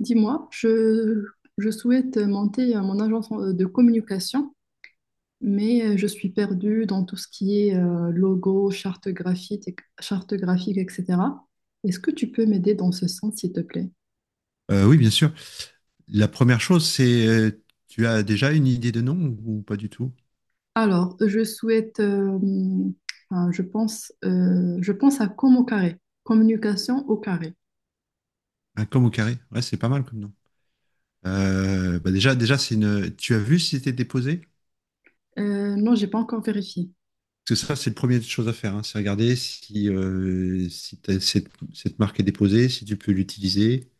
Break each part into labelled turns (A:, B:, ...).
A: Dis-moi, je souhaite monter mon agence de communication, mais je suis perdue dans tout ce qui est logo, charte graphique, charte graphique, etc. Est-ce que tu peux m'aider dans ce sens, s'il te plaît?
B: Oui, bien sûr. La première chose, c'est tu as déjà une idée de nom ou pas du tout?
A: Alors, je souhaite, enfin, je pense à com au carré, communication au carré.
B: Un com au carré. Ouais, c'est pas mal comme nom. Bah déjà, c'est une. Tu as vu si c'était déposé?
A: Non, j'ai pas encore vérifié.
B: Parce que ça, c'est le premier chose à faire, hein, c'est regarder si cette marque est déposée, si tu peux l'utiliser,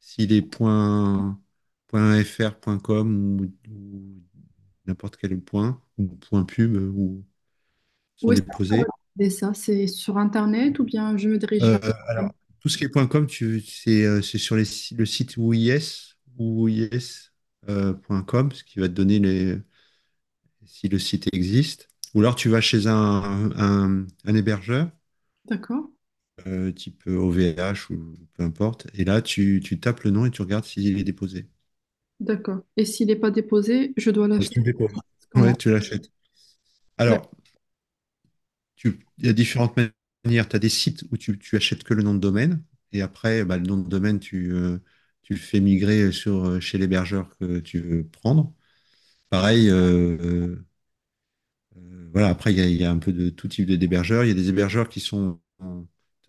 B: si les points, points .fr, points .com ou n'importe quel point, ou point .pub
A: Où
B: sont
A: est-ce que je peux
B: déposés.
A: regarder ça? C'est sur Internet ou bien je me dirige vers...
B: Euh, alors, tout ce qui est point .com, c'est sur les, si- le site WIS.com, ce qui va te donner si le site existe. Ou alors tu vas chez un hébergeur,
A: D'accord,
B: type OVH ou peu importe, et là tu tapes le nom et tu regardes s'il est déposé.
A: d'accord. Et s'il n'est pas déposé, je dois
B: Donc, tu
A: l'acheter.
B: le déposes.
A: Comment?
B: Ouais, tu l'achètes.
A: D'accord.
B: Alors, il y a différentes manières. Tu as des sites où tu achètes que le nom de domaine, et après, bah, le nom de domaine, tu le fais migrer chez l'hébergeur que tu veux prendre. Pareil. Voilà, après, il y a un peu de tout d'hébergeurs. Il y a des hébergeurs qui sont, tu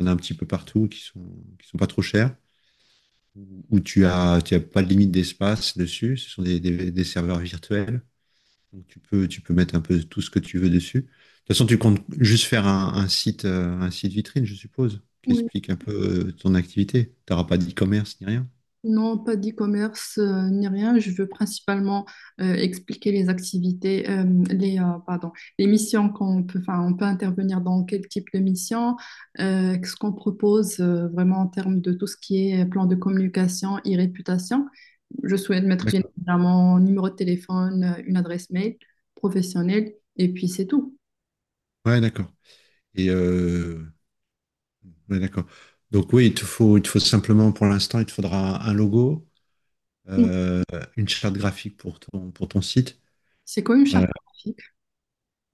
B: en as un petit peu partout, qui sont pas trop chers, où tu as pas de limite d'espace dessus. Ce sont des serveurs virtuels. Donc tu peux mettre un peu tout ce que tu veux dessus. De toute façon, tu comptes juste faire un site vitrine, je suppose, qui
A: Oui.
B: explique un peu ton activité. Tu n'auras pas d'e-commerce ni rien.
A: Non, pas d'e-commerce ni rien. Je veux principalement expliquer les activités, pardon, les missions qu'on peut, enfin, on peut intervenir dans quel type de mission, ce qu'on propose vraiment en termes de tout ce qui est plan de communication et réputation. Je souhaite mettre bien
B: D'accord.
A: évidemment un numéro de téléphone, une adresse mail professionnelle, et puis c'est tout.
B: Ouais, d'accord. Et euh, ouais, d'accord. Donc oui, il te faut simplement, pour l'instant, il te faudra un logo,
A: Oui.
B: euh, une charte graphique pour pour ton site.
A: C'est quoi une
B: Euh,
A: charte?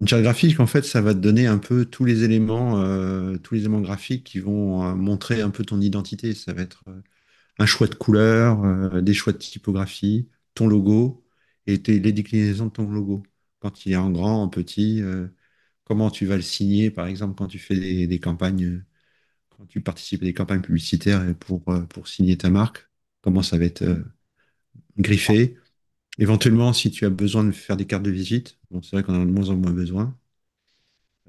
B: une charte graphique, en fait, ça va te donner un peu tous les éléments graphiques qui vont montrer un peu ton identité. Ça va être un choix de couleur, des choix de typographie, ton logo et les déclinaisons de ton logo. Quand il est en grand, en petit, comment tu vas le signer, par exemple, quand tu fais des campagnes, quand tu participes à des campagnes publicitaires et pour signer ta marque, comment ça va être griffé. Éventuellement, si tu as besoin de faire des cartes de visite, bon, c'est vrai qu'on en a de moins en moins besoin.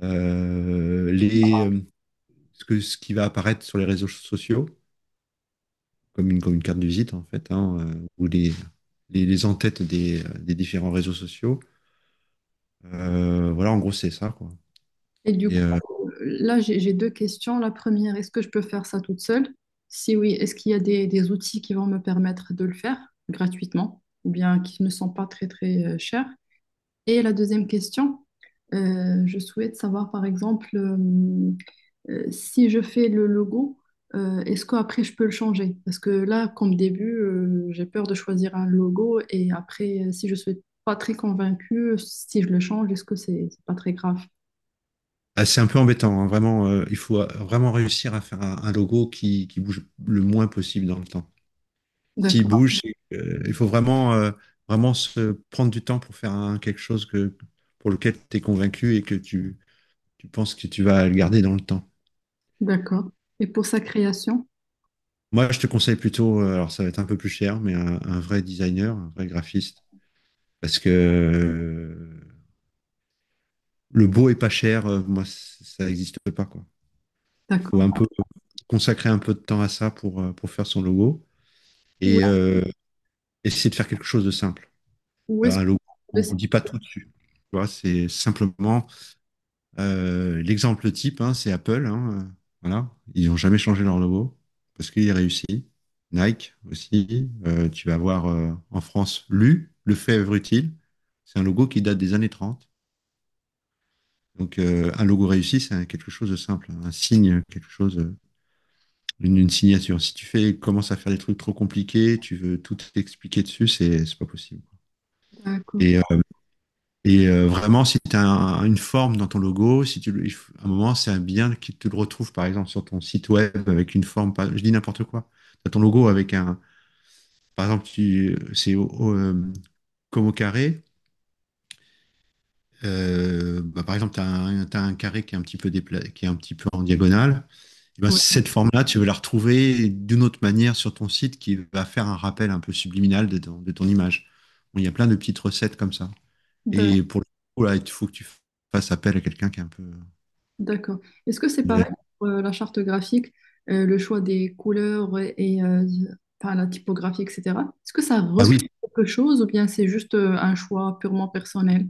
B: Euh, les, euh, Ce qui va apparaître sur les réseaux sociaux, comme une carte de visite en fait, hein, ou les en-têtes des différents réseaux sociaux. Voilà, en gros, c'est ça, quoi.
A: Et du
B: Et euh,
A: coup, là, j'ai deux questions. La première, est-ce que je peux faire ça toute seule? Si oui, est-ce qu'il y a des outils qui vont me permettre de le faire gratuitement ou bien qui ne sont pas très, très chers? Et la deuxième question, je souhaite savoir, par exemple, si je fais le logo, est-ce qu'après je peux le changer? Parce que là, comme début, j'ai peur de choisir un logo et après, si je suis pas très convaincue, si je le change, est-ce que c'est pas très grave?
B: ah, c'est un peu embêtant, hein, vraiment. Il faut vraiment réussir à faire un logo qui bouge le moins possible dans le temps. S'il
A: D'accord.
B: bouge, c'est il faut vraiment se prendre du temps pour faire quelque chose pour lequel tu es convaincu et tu penses que tu vas le garder dans le temps.
A: D'accord. Et pour sa création?
B: Moi, je te conseille plutôt, alors ça va être un peu plus cher, mais un vrai designer, un vrai graphiste. Parce que le beau et pas cher, moi, ça n'existe pas, quoi. Il faut
A: D'accord.
B: un peu consacrer un peu de temps à ça pour faire son logo
A: Où
B: et essayer de faire quelque chose de simple.
A: où est-ce
B: Un
A: que
B: logo,
A: vous trouvez
B: on
A: ces-
B: ne dit pas tout dessus, tu vois. C'est simplement l'exemple type, hein, c'est Apple. Hein, voilà. Ils n'ont jamais changé leur logo parce qu'il est réussi. Nike aussi. Tu vas voir en France LU, le fèvre utile. C'est un logo qui date des années 30. Donc, un logo réussi, c'est quelque chose de simple, hein, un signe, quelque chose, une signature. Si tu commences à faire des trucs trop compliqués, tu veux tout expliquer dessus, c'est pas possible.
A: D'accord.
B: Et, euh, Vraiment, si tu as une forme dans ton logo, si tu, le- il faut- à un moment, c'est un bien qui te le retrouve, par exemple, sur ton site web avec une forme, je dis n'importe quoi. Tu as ton logo avec un, par exemple, c'est comme au carré. Bah, par exemple, tu as, un t'as un carré qui est un petit peu qui est un petit peu en diagonale. Eh ben,
A: Ouais.
B: cette forme-là, tu veux la retrouver d'une autre manière sur ton site qui va faire un rappel un peu subliminal de de ton image. Bon, il y a plein de petites recettes comme ça.
A: D'a-
B: Et pour le coup, là, il faut que tu fasses appel à quelqu'un qui est un peu.
A: D'accord. Est-ce que c'est
B: Ouais.
A: pareil pour la charte graphique, le choix des couleurs enfin, la typographie, etc. Est-ce que ça
B: Ah
A: reflète
B: oui,
A: quelque chose ou bien c'est juste un choix purement personnel?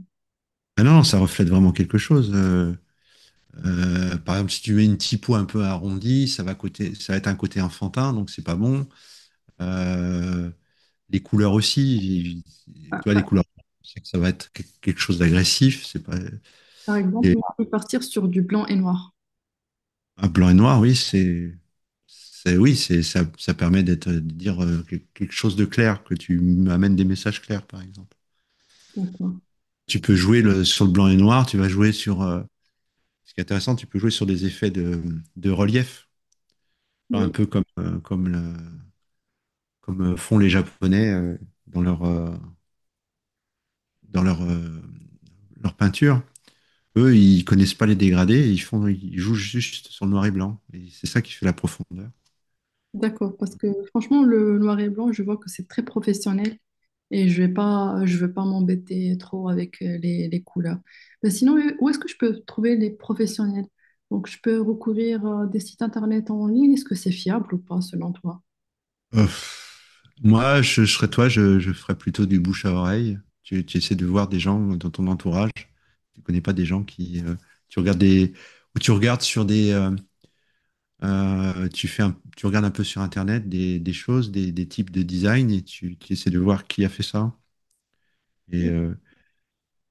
B: ah non, ça reflète vraiment quelque chose. Par exemple, si tu mets une typo un peu arrondie, ça va être un côté enfantin, donc c'est pas bon. Euh, les couleurs aussi, tu
A: Par
B: vois, les
A: par-
B: couleurs, c'est que ça va être quelque chose d'agressif. C'est pas,
A: par exemple,
B: les-
A: on peut partir sur du blanc et noir.
B: Ah, blanc et noir, oui, ça permet de dire quelque chose de clair, que tu amènes des messages clairs, par exemple.
A: D'accord.
B: Tu peux sur le blanc et noir, tu vas ce qui est intéressant, tu peux jouer sur des effets de relief. Enfin, un
A: Oui.
B: peu comme font les Japonais dans dans leur, euh, leur peinture. Eux, ils connaissent pas les dégradés, ils jouent juste sur le noir et blanc. Et c'est ça qui fait la profondeur.
A: D'accord, parce que franchement, le noir et blanc, je vois que c'est très professionnel et je vais pas, je veux pas m'embêter trop avec les couleurs. Mais sinon, où est-ce que je peux trouver les professionnels? Donc, je peux recourir à des sites internet en ligne. Est-ce que c'est fiable ou pas, selon toi?
B: Euh, Moi, je serais toi, je ferais plutôt du bouche à oreille. Tu essaies de voir des gens dans ton entourage. Tu connais pas des gens qui. Tu regardes des, ou tu regardes sur des, tu fais un- tu regardes un peu sur Internet des choses, des types de design et tu essaies de voir qui a fait ça. Et
A: Enfin,
B: euh,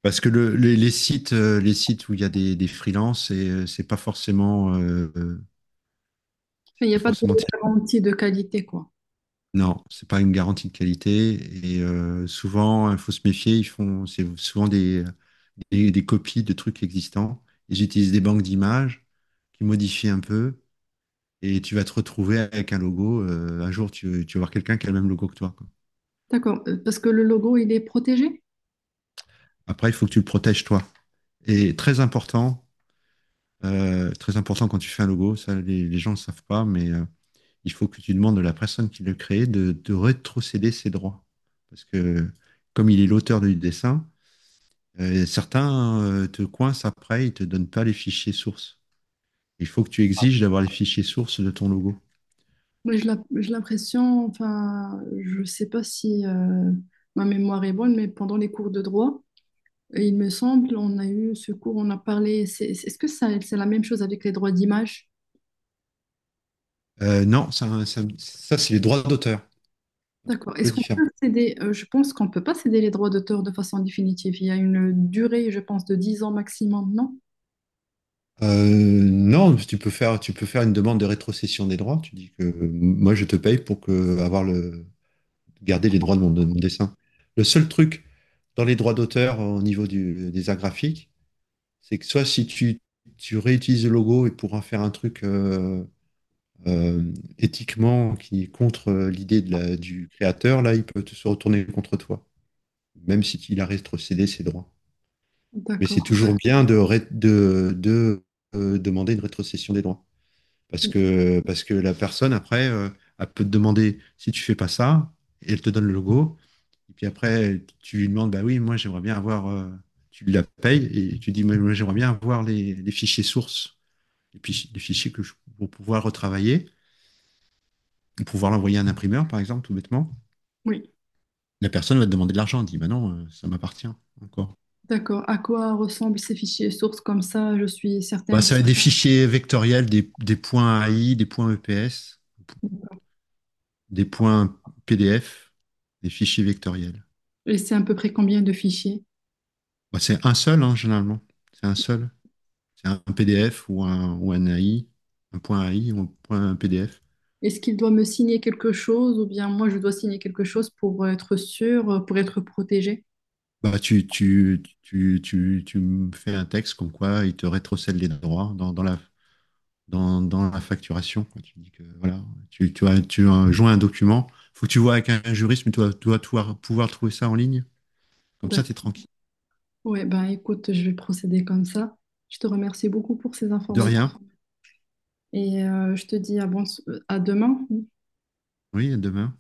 B: Parce que les sites où il y a des freelances, c'est
A: il n'y
B: pas
A: a pas de
B: forcément.
A: garantie de qualité, quoi.
B: Non, c'est pas une garantie de qualité. Souvent, il faut se méfier. C'est souvent des copies de trucs existants. Ils utilisent des banques d'images qui modifient un peu. Et tu vas te retrouver avec un logo. Un jour, tu vas voir quelqu'un qui a le même logo que toi, quoi.
A: D'accord, parce que le logo, il est protégé.
B: Après, il faut que tu le protèges toi. Et très important quand tu fais un logo, ça, les gens ne le savent pas, mais il faut que tu demandes à la personne qui l'a créé de rétrocéder ses droits. Parce que comme il est l'auteur du dessin, certains te coincent après, ils te donnent pas les fichiers sources. Il faut que tu exiges d'avoir les fichiers sources de ton logo.
A: Mais je l'ai j'ai l'impression, enfin, je sais pas si ma mémoire est bonne, mais pendant les cours de droit, et il me semble, on a eu ce cours, on a parlé. Est-ce que ça, c'est la même chose avec les droits d'image?
B: Non, c'est les droits d'auteur, un
A: D'accord.
B: peu
A: Est-ce qu'on
B: différent.
A: peut céder? Je pense qu'on ne peut pas céder les droits d'auteur de façon définitive. Il y a une durée, je pense, de 10 ans maximum, non?
B: Non, tu peux faire une demande de rétrocession des droits. Tu dis que moi, je te paye garder les droits de de mon dessin. Le seul truc dans les droits d'auteur au niveau des arts graphiques, c'est que soit si tu réutilises le logo et pour en faire un truc euh, éthiquement qui est contre l'idée de du créateur, là, il peut se retourner contre toi, même si il a rétrocédé ses droits. Mais
A: D'accord.
B: c'est toujours bien de demander une rétrocession des droits. Parce que la personne, après, elle peut te demander si tu fais pas ça, et elle te donne le logo. Et puis après, tu lui demandes, bah oui, moi j'aimerais bien avoir. Tu la payes, et tu dis, moi, j'aimerais bien avoir les fichiers sources des fichiers pour pouvoir retravailler, pour pouvoir l'envoyer à un imprimeur, par exemple, tout bêtement.
A: Oui.
B: La personne va te demander de l'argent, elle dit bah non, ça m'appartient encore.
A: D'accord. À quoi ressemblent ces fichiers sources comme ça? Je suis
B: Bah,
A: certaine.
B: ça va être des fichiers vectoriels, des points AI, des points EPS, des points PDF, des fichiers vectoriels.
A: Et c'est à peu près combien de fichiers?
B: Bah, c'est un seul, hein, généralement. C'est un seul. C'est un PDF ou un AI, un point AI ou un point PDF.
A: Est-ce qu'il doit me signer quelque chose ou bien moi je dois signer quelque chose pour être sûr, pour être protégé.
B: Bah, tu me fais un texte comme quoi il te rétrocède les droits dans la facturation, quoi. Tu dis que voilà, tu as joint un document, faut que tu vois avec un juriste, mais tu dois pouvoir trouver ça en ligne. Comme ça, tu es
A: D'accord.
B: tranquille.
A: Ouais, ben écoute, je vais procéder comme ça. Je te remercie beaucoup pour ces
B: De
A: informations
B: rien.
A: et je te dis à, bon, à demain.
B: Oui, à demain.